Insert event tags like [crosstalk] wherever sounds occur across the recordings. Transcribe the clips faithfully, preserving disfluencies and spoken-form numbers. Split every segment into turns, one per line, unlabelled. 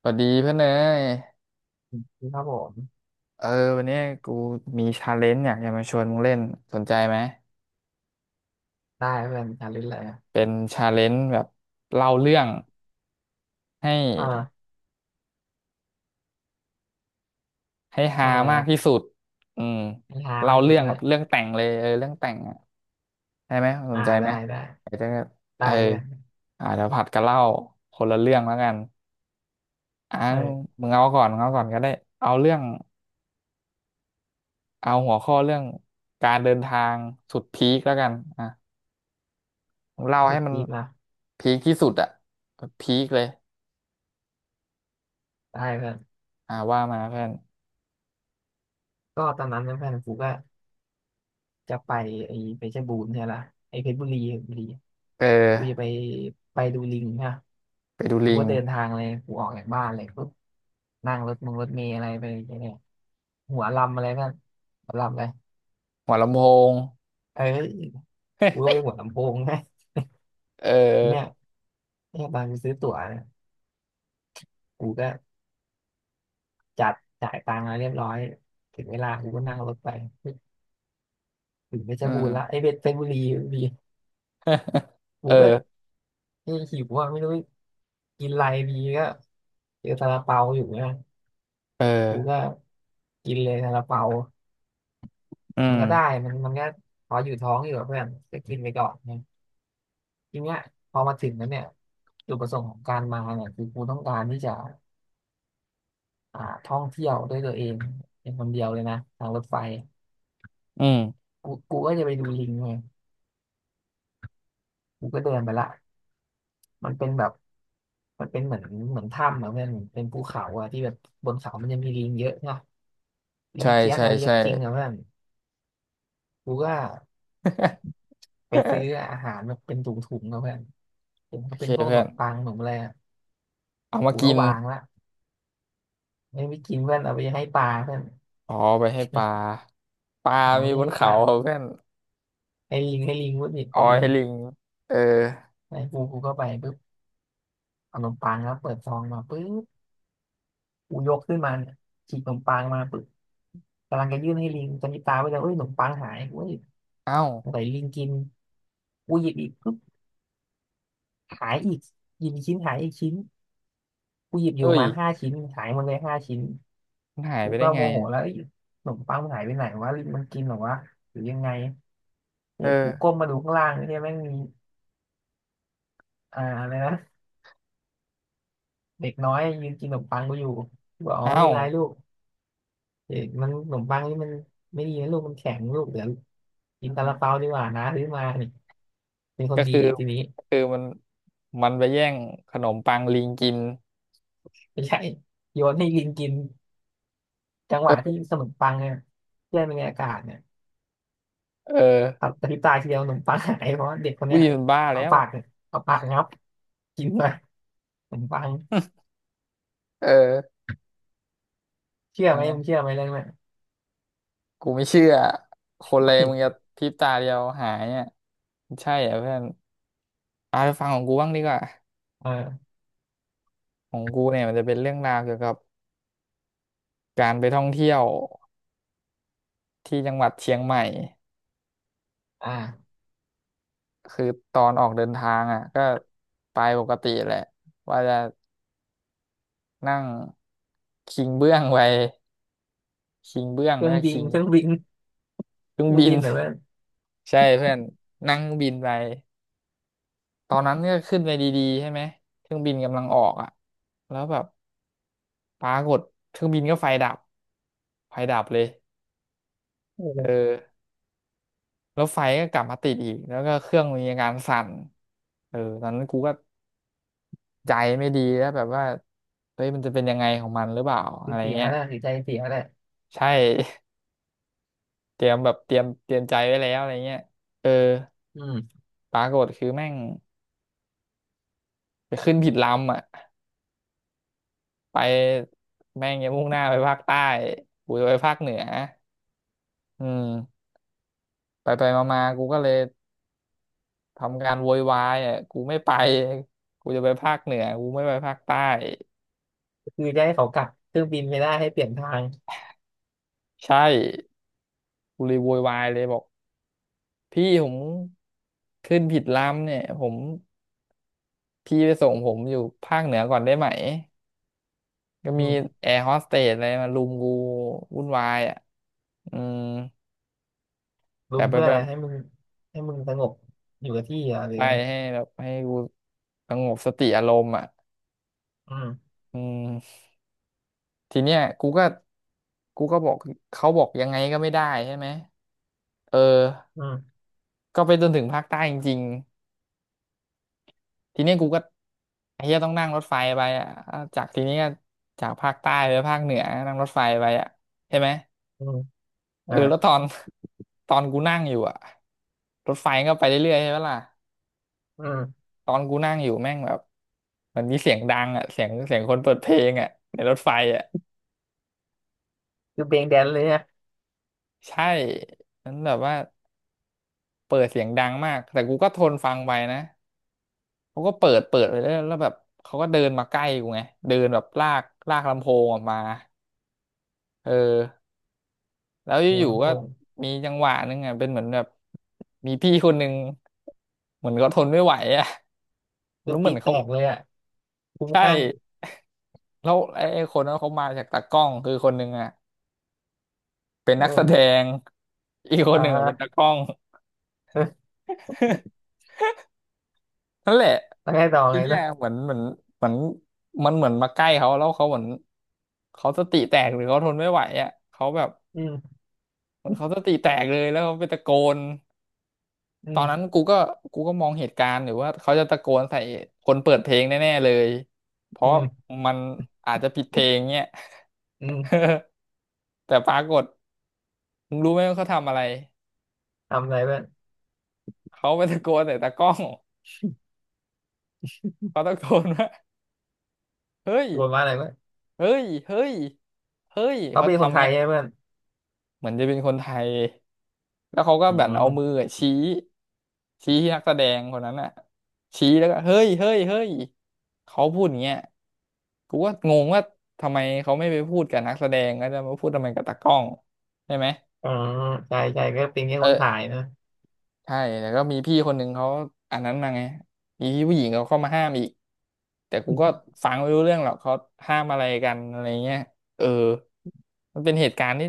สวัสดีเพื่อนเอ้ย
ครับผม
เออวันนี้กูมีชาเลนจ์อยากจะมาชวนมึงเล่นสนใจไหม
ได้เพื่อนการลิ้นเลยอะ
เป็นชาเลนจ์แบบเล่าเรื่องให้
เออ
ให้ฮา
ได้แล้
มา
ว
กที่สุดอืม
นิ้ทา
เล่า
ไม่หุ
เรื่
ด
อง
ด้ว
แบ
ย
บเรื่องแต่งเลยเออเรื่องแต่งอะได้ไหมส
อ่า
นใจไห
ได้
ม
ได้
เดี๋ยวจะเอ
ได้
อ
เพื่อน
อ่าเดี๋ยวผัดกันเล่าคนละเรื่องแล้วกันอ่ะ
เออ
มึงเอาก่อนมึงเอาก่อนก็ได้เอาเรื่องเอาหัวข้อเรื่องการเดินทางสุดพีคแล้วกันอ่ะเล่า
เอา
ให้มัน
พีคนะ
พีคที่สุดอะพีคเลย
ได้เพื่อน
อ่าว่ามาเพื่อน
ก็ตอนนั้นนะเพื่อนกูก็จะไปไอ้ไปเพชรบูรณ์ใช่ละไอ้เพชรบุรีเพชรบุรี
เออ
กูจะไปไปดูลิงนะ
ไปดู
กู
ลิ
ก็
ง
เดินทางเลยกูออกจากบ้านเลยปุ๊บนั่งรถมงรถเมล์อะไรไปเนี่ยหัวลำอะไรเพื่อนหัวลำเลย
หัวลำโพง
เอ้ยกูก็ไปหั
[laughs]
วลำโพงนะ
เอ
ที
อ
เนี้ยเนี่ยตอนกูซื้อตั๋วเนี่ยกูก็ จัดจ่ายตังค์แล้วเรียบร้อยถึงเวลากูก็นั่งรถไปถึงเพชร
อื
บู
ม
รณ์ละ
[laughs]
ไอ้เพชรเพชรบุรีบีกู
เอ
ก็
อ
เอยหิวว่าไม่รู้กินอะไรดีก็เจอซาลาเปาอยู่เนะ
เออ
กูก็กินเลยซาลาเปา
อื
มัน
ม
ก็ได้มันมันก็พออยู่ท้องอยู่กับเพื่อนก็กินไปก่อนเนะทีเนี้ยพอมาถึงแล้วเนี่ยจุดประสงค์ของการมาเนี่ยคือกูต้องการที่จะอ่าท่องเที่ยวด้วยตัวเองเป็นคนเดียวเลยนะทางรถไฟ
อืม
กูกูก็จะไปดูลิงไงกูก็เดินไปละ มันเป็นแบบมันเป็นเหมือนเหมือนถ้ำอะเพื่อนเป็นภูเขาอะที่แบบบนเขามันจะมีลิงเยอะเนาะลิง
ใช่
เจี๊ยก
ใช่
อะเรีย
ใช่
กจริงอะเพื่อนกูก็
[laughs]
ไปซื้ออาหารแบบเป็นถุงๆอะเพื่อนเห็น
โอ
เขา
เค
เป็นพวกข
เพื่
น
อน
มปังขนมอะไรอะ
เอามา
กู
กิ
ก็
น
วางละไม่ไปกินเพื่อนเอาไปให้ปลาเพื่อน
อ๋อไปให้ปลาปลา
เอา
มี
ไม่
บน
ให้ป
เขา
ลา
เพื่อน
ให้ลิงให้ลิงวุ้นดิ
เอ๋อ
ให้ลิง
ให้ลิงเออ
ให้กูกูก็ไปปุ๊บเอาขนมปังแล้วเปิดซองมาปุ๊บกูยกขึ้นมาเนี่ยฉีกขนมปังมาปุ๊บกำลังจะยื่นให้ลิงจะมีตาไปแล้วเอ้ยขนมปังหายเว้ย
เอ้า
สงสัยลิงกินกูหยิบอีก ขายอีกหยิบอีกชิ้นหายอีกชิ้นกูหยิบอยู่ป
เอ้
ระ
ย
มาณห้าชิ้นขายหมดเลยห้าชิ้น
มันหาย
กู
ไปได้
ก็
ไง
โมโห
อะ
แล้วเอ้ยขนมปังมันหายไปไหนวะหรือมันกินหรอวะหรือยังไง
เอ
เนี่ยกูก้ม
อ
มาดูข้างล่างเนี่ยแม่งมีอ่าอะไรนะเด็กน้อยยืนกินขนมปังกูอยู่กูบอกอ๋อไม่
เอ้า
เป็นไรลูกเด็กมันขนมปังนี่มันไม่ดีนะลูกมันแข็งลูกเดี๋ยวกิ
อื
นซาลาเปา
ม
ดีกว่านะซื้อมานี่เป็นคน
ก็
ดี
คือ
อีกทีนี้
ก็คือมันมันไปแย่งขนมปังลิงกิน
ไม่ใช่โยนให้ลิงกินจังหวะที่
เออ
ขนมปังเนี่ยเพื่อนเป็นไงอากาศเนี่ย
เออ
ครับกระพริบตาทีเดียวขนมปังหายเพราะเด็กคนเนี้
วิ่
ย
ยมันบ้า
เอา
แล้ว
ปากเอาปากงับกินเลยขนมปัง
เออ
เชื่อ
ยั
ไหม
ง
มึง
ไง
เชื่อไหมเรื่องเนี้ย
กูไม่เชื่อ คนเลยมึงจะ
[laughs]
พริบตาเดียวหายเนี่ยใช่เหรเพื่อนเอาไปฟังของกูบ้างดีกว่า
เออ
ของกูเนี่ยมันจะเป็นเรื่องราวเกี่ยวกับการไปท่องเที่ยวที่จังหวัดเชียงใหม่
อ่า
คือตอนออกเดินทางอ่ะก็ไปปกติแหละ ว่าจะนั่งคิงเบื้องไปคิงเบื้อง
เครื่
ไม่
อง
ใช่
บิน
คิง
เครื่องบิน
เครื่อ
เค
ง
รื่อง
บิ
บิ
น
นเหรอเพื่อน
[laughs] ใช่เพื่อนนั่งเครื่องบินไป ตอนนั้นก็ขึ้นไปดีๆใช่ไหมเครื่องบินกำลังออกอ่ะแล้วแบบ ปรากฏเครื่องบินก็ไฟดับไฟดับเลย
โอ้โห
เออแล้วไฟก็กลับมาติดอีกแล้วก็เครื่องมีอาการสั่นเออตอนนั้นกูก็ใจไม่ดีแล้วแบบว่าเฮ้ยมันจะเป็นยังไงของมันหรือเปล่าอะไร
เสีย
เงี้ย
นะเสียใจเสียแหละ
ใช่ [laughs] เตรียมแบบเตรียมเตรียมใจไว้แล้วอะไรเงี้ยเออ
อืม
ปรากฏคือแม่งไปขึ้นผิดลำอ่ะไปแม่งยังมุ่งหน้าไปภาคใต้กูจะไปภาคเหนืออืมไปไปมามาๆกูก็เลย ทำการโวยวายอ่ะกูไม่ไปกูจะไปภาคเหนือกูไม่ไปภาคใต้
คือจะให้เขากลับเครื่องบินไม่ได้ให้เปลี่ยนทาง
ใช่กูเลยโวยวายเลยบอกพี่ผมขึ้นผิดลำเนี่ยผมพี่ไปส่งผมอยู่ภาคเหนือก่อนได้ไหมก็
อื
มี
ม
แอร์โฮสเตสอะไรมารุมกูวุ่นวายอ่ะอืม
รุ
แต่
ม
ไป
เพื่อ
ไป
อะไรให้มึงให้มึงสงบอยู่กับที่อ่ะหรือ
ไล่
ไง
ให้แบบให้กูสงบสติอารมณ์อ่ะ
อืม
อืมทีเนี้ยกูก็กูก็บอกเขาบอกยังไงก็ไม่ได้ใช่ไหมเออ
อืม
ก็ไปจนถึงภาคใต้จริง ทีนี้กูก็ไอ้เหี้ยต้องนั่งรถไฟไปอ่ะจากทีนี้ก็จากภาคใต้ไปภาคเหนือนั่งรถไฟไปอ่ะใช่ไหม
อืม
เอ
อ่า
อแล้วตอน [laughs] ตอนกูนั่งอยู่อ่ะรถไฟก็ไปเรื่อยๆใช่ไหมล่ะ
อืม
ตอนกูนั่งอยู่แม่งแบบมันมีเสียงดังอ่ะเสียงเสียงคนเปิดเพลงอ่ะในรถไฟอ่ะ
คือเบงแดนเลยนะ
ใช่นั้นแบบว่าเปิดเสียงดังมากแต่กูก็ทนฟังไปนะเขาก็เปิดเปิดไปเรื่อยแล้วแบบเขาก็เดินมาใกล้กูไงเดินแบบลากลากลำโพงออกมาเออ แล้ว
โอ้
อ
โห
ยู่
ลำ
ๆ
โพ
ก็
ง
มีจังหวะหนึงอ่ะเป็นเหมือนแบบมีพี่คนหนึ่งเหมือนเขาทนไม่ไหวอ่ะ
คื
แล้
อ
วเหมื
ปี
อน
แต
เขา
กเลยอ่ะคุ้ม
ใช่
ข้าง
แล้วไอ้ไอ้คนนั้นเขามาจากตากล้องคือคนหนึ่งอ่ะเป็นนัก
โอ้
แสดงอีกคน
อ่า
หนึ่งอ่ะเป็นตากล้อง
[laughs] เออ
[laughs] นั่นแหละ
แล้วไงต่อ
ที
ไง
เนี้
ต่
ย
อ
เหมือนเหมือนเหมือนมันเหมือนมาใกล้เขาแล้วเขาเหมือนเขาสติแตกหรือเขาทนไม่ไหวอ่ะเขาแบบ
อืม
เหมือนเขาสติแตกเลยแล้วเขาไปตะโกน
อื
ตอนนั้น
ม
กูก็กูก็มองเหตุการณ์หรือว่าเขาจะตะโกนใส่คนเปิดเพลงแน่ๆเลยเพ
อื
ราะ
ม
มันอาจจะผิดเพลงเงี้ย
อืม
[laughs] แต่ปรากฏมึงรู้ไหมว่าเขาทำอะไร
ทำอะไรเพื่อน
เขาไปตะโกนใส่ตากล้องเขาตะโกนว่าเฮ้ย
ตัวว่าอะไรเพื่อน
เฮ้ยเฮ้ยเฮ้ย
เขา
เขา
เป็นคนไท
ทำ
ย
เงี้ย
ใช่ไหมเพื่อน
เหมือนจะเป็นคนไทย แล้วเขาก็
อื
แบบเอามือ
ม
อะชี้ชี้ที่นักแสดงคนนั้นอ่ะชี้แล้วก็เฮ้ยเฮ้ยเฮ้ยเขาพูดอย่างเงี้ยกูก็งงว่าทำไมเขาไม่ไปพูดกับนักแสดงก็จะมาพูดทำไมกับตากล้องใช่ไหม
อ๋อใช่ใช่ก็เป็นแค่
เอ
คนถ่า
อ
ยนะ
ใช่แล้วก็มีพี่คนหนึ่งเขาอันนั้นมาไงมีพี่ผู้หญิงเขาเข้ามาห้ามอีกแต่กูก็
[laughs]
ฟังไม่รู้เรื่องหรอกเขาห้ามอะไรกันอะไรเงี้ยเออมันเป็นเหตุการณ์ที่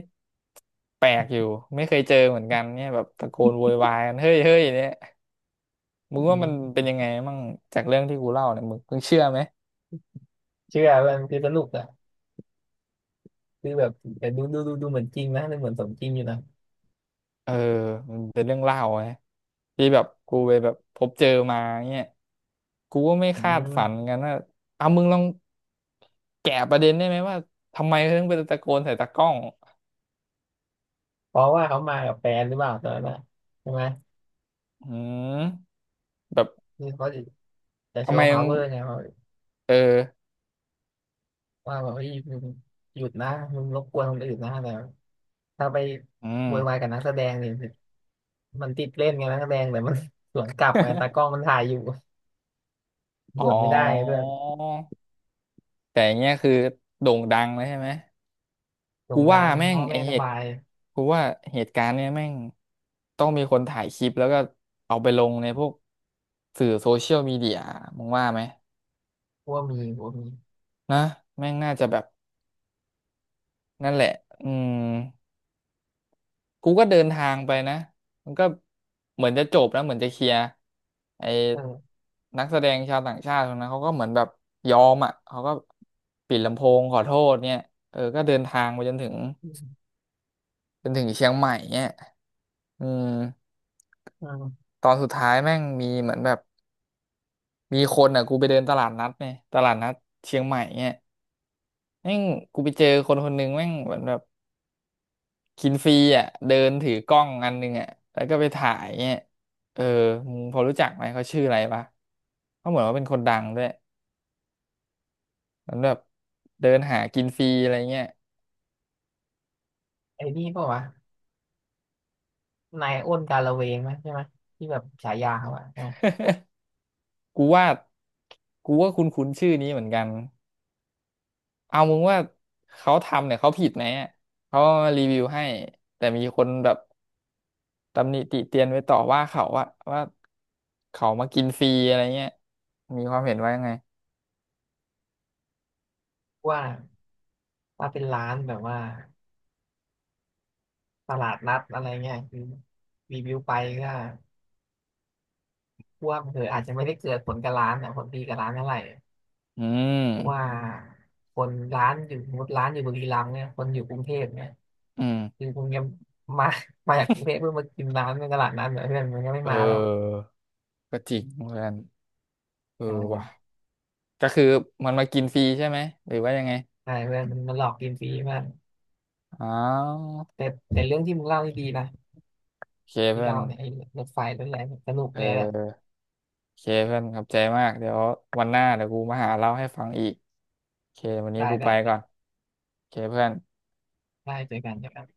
แปลกอยู่ไม่เคยเจอเหมือนกันเนี่ยแบบตะโกนโวยวายกันเฮ้ยเฮ้ยเนี่ยมึ
อื
งว่ามัน
ม
เป็นยังไงมั่งจากเรื่องที่กูเล่าเนี่ยมึงมึงเชื่อไหม
เชื่อเพื่อนคือสนุกอะคือแบบแต่ดูดูดูดูเหมือนจริงนะดูเหมือนสมจริงอยู่นะ
เออมันเป็นเรื่องเล่าไงที่แบบกูไปแบบพบเจอมาเนี่ยกูก็ไม่
อื
คาดฝันเหมือน
ม
กันว่าเอามึงลองแกะประเด็นได้ไหมว่าทำไมเขาถึงไปตะโกนใส่ตากล้อง
เพราะว่าเขามากับแฟนหรือเปล่าตอนนั้นอะใช่ไหม
อืมแบบ
คือเขาจะจะโช
ทำไม
ว์
มึง
power ไงว่า
เออ
ว่าแบบเฮ้ยมึงหยุดนะมึงรบกวนคนอื่นนะแต่ถ้าไป
อืม
โวยวายกับนักแสดงเนี่ยมันติดเล่นไงนักแสดงแต่มัน [laughs] สวนกลับไงตากล้อ
[laughs]
งมันถ่ายอยู่ บ
อ๋อ
วชไม่ได้ไงเพื่อน
แต่อย่างเงี้ยคือโด่งดังเลยใช่ไหม
โด่
กู
งดั
ว่า
ง
แม่ง
พ่อ
ไอ
แม่ส
เหตุ
บาย
กูว่าเหตุการณ์เนี่ยแม่งต้องมีคนถ่ายคลิปแล้วก็เอาไปลงในพวกสื่อโซเชียลมีเดียมึงว่าไหม
กลัวมีกลัวมี
นะแม่งน่าจะแบบนั่นแหละอืมกูก็เดินทางไปนะมันก็เหมือนจะจบนะเหมือนจะเคลียร์ไอ้
เออ
นักแสดงชาวต่างชาติคนนั้นเขาก็เหมือนแบบยอมอ่ะเขาก็ปิดลำโพงขอโทษเนี่ยเออก็เดินทางไปจนถึง
อืม
จนถึงเชียงใหม่เนี่ยอืม
อืม
ตอนสุดท้ายแม่งมีเหมือนแบบมีคนอ่ะกูไปเดินตลาดนัดเนี่ยตลาดนัดเชียงใหม่เนี่ยแม่งกูไปเจอคนคนหนึ่งแม่งเหมือนแบบกินฟรีอ่ะเดินถือกล้องอันหนึ่งอ่ะแล้วก็ไปถ่ายเนี่ยเออมึงพอรู้จักไหมเขาชื่ออะไรปะเขาเหมือนว่าเป็นคนดังด้วยเหมือนแบบเดินหากินฟรีอะไรเงี้ย
ไอ้นี่เปล่าวะนายอ้นกาละเวงไหมใช่ไหมที่แบบฉายาเขาอะเออ
กูว่ากูว่าคุ้นคุ้นชื่อนี้เหมือนกันเอามึงว่าเขาทำเนี่ยเขาผิดไหมอะเขามารีวิวให้แต่มีคนแบบ ตำหนิติเตียนไว้ต่อว่าเขาว่าว่าเขามากินฟรีอะไรเงี้ยมีความเห็นว่ายังไง
ว่าถ้าเป็นร้านแบบว่าตลาดนัดอะไรเงี้ยคือรีวิวไปก็พวกเธออาจจะไม่ได้เกิดผลกับร้านอะผลดีกับร้านเท่าไหร่
อื
เพราะว่า
ม
คนร้านอยู่สมมติร้านอยู่บุรีรัมย์เนี่ยคนอยู่กรุงเทพเนี่ย
อืม
คือคงยังมามาจากกรุงเทพเพื่อมากินร้านในตลาดนั้นเหมือนเพื่อนมันก็ไม่
เอ
มาหรอก
อก็จริงเหมือนกันเออ
เ
ว่ะ
ออ
ก็คือมันมากินฟรีใช่ไหมหรือว่ายังไง
ใช่เพื่อนมันมันหลอกกินฟรีมาก
อา
แต่
ว
แต่เรื่องที่มึงเล่านี่ดีนะ
โอเค
ที่
เพื่อน
เล่าเนี่ยไอ้รถไฟรถอะไรเนี่ยสนุก
เ
เลยแหละ
ออโอเคเพื่อนขอบใจมากเดี๋ยววันหน้าเดี๋ยวกูมาหาเล่าให้ฟังอีกโอเควันนี้
ได้
กู
ได้
ไปก่อน
ได้
โอเคเพื่อน
ได้เจอกันเจอกัน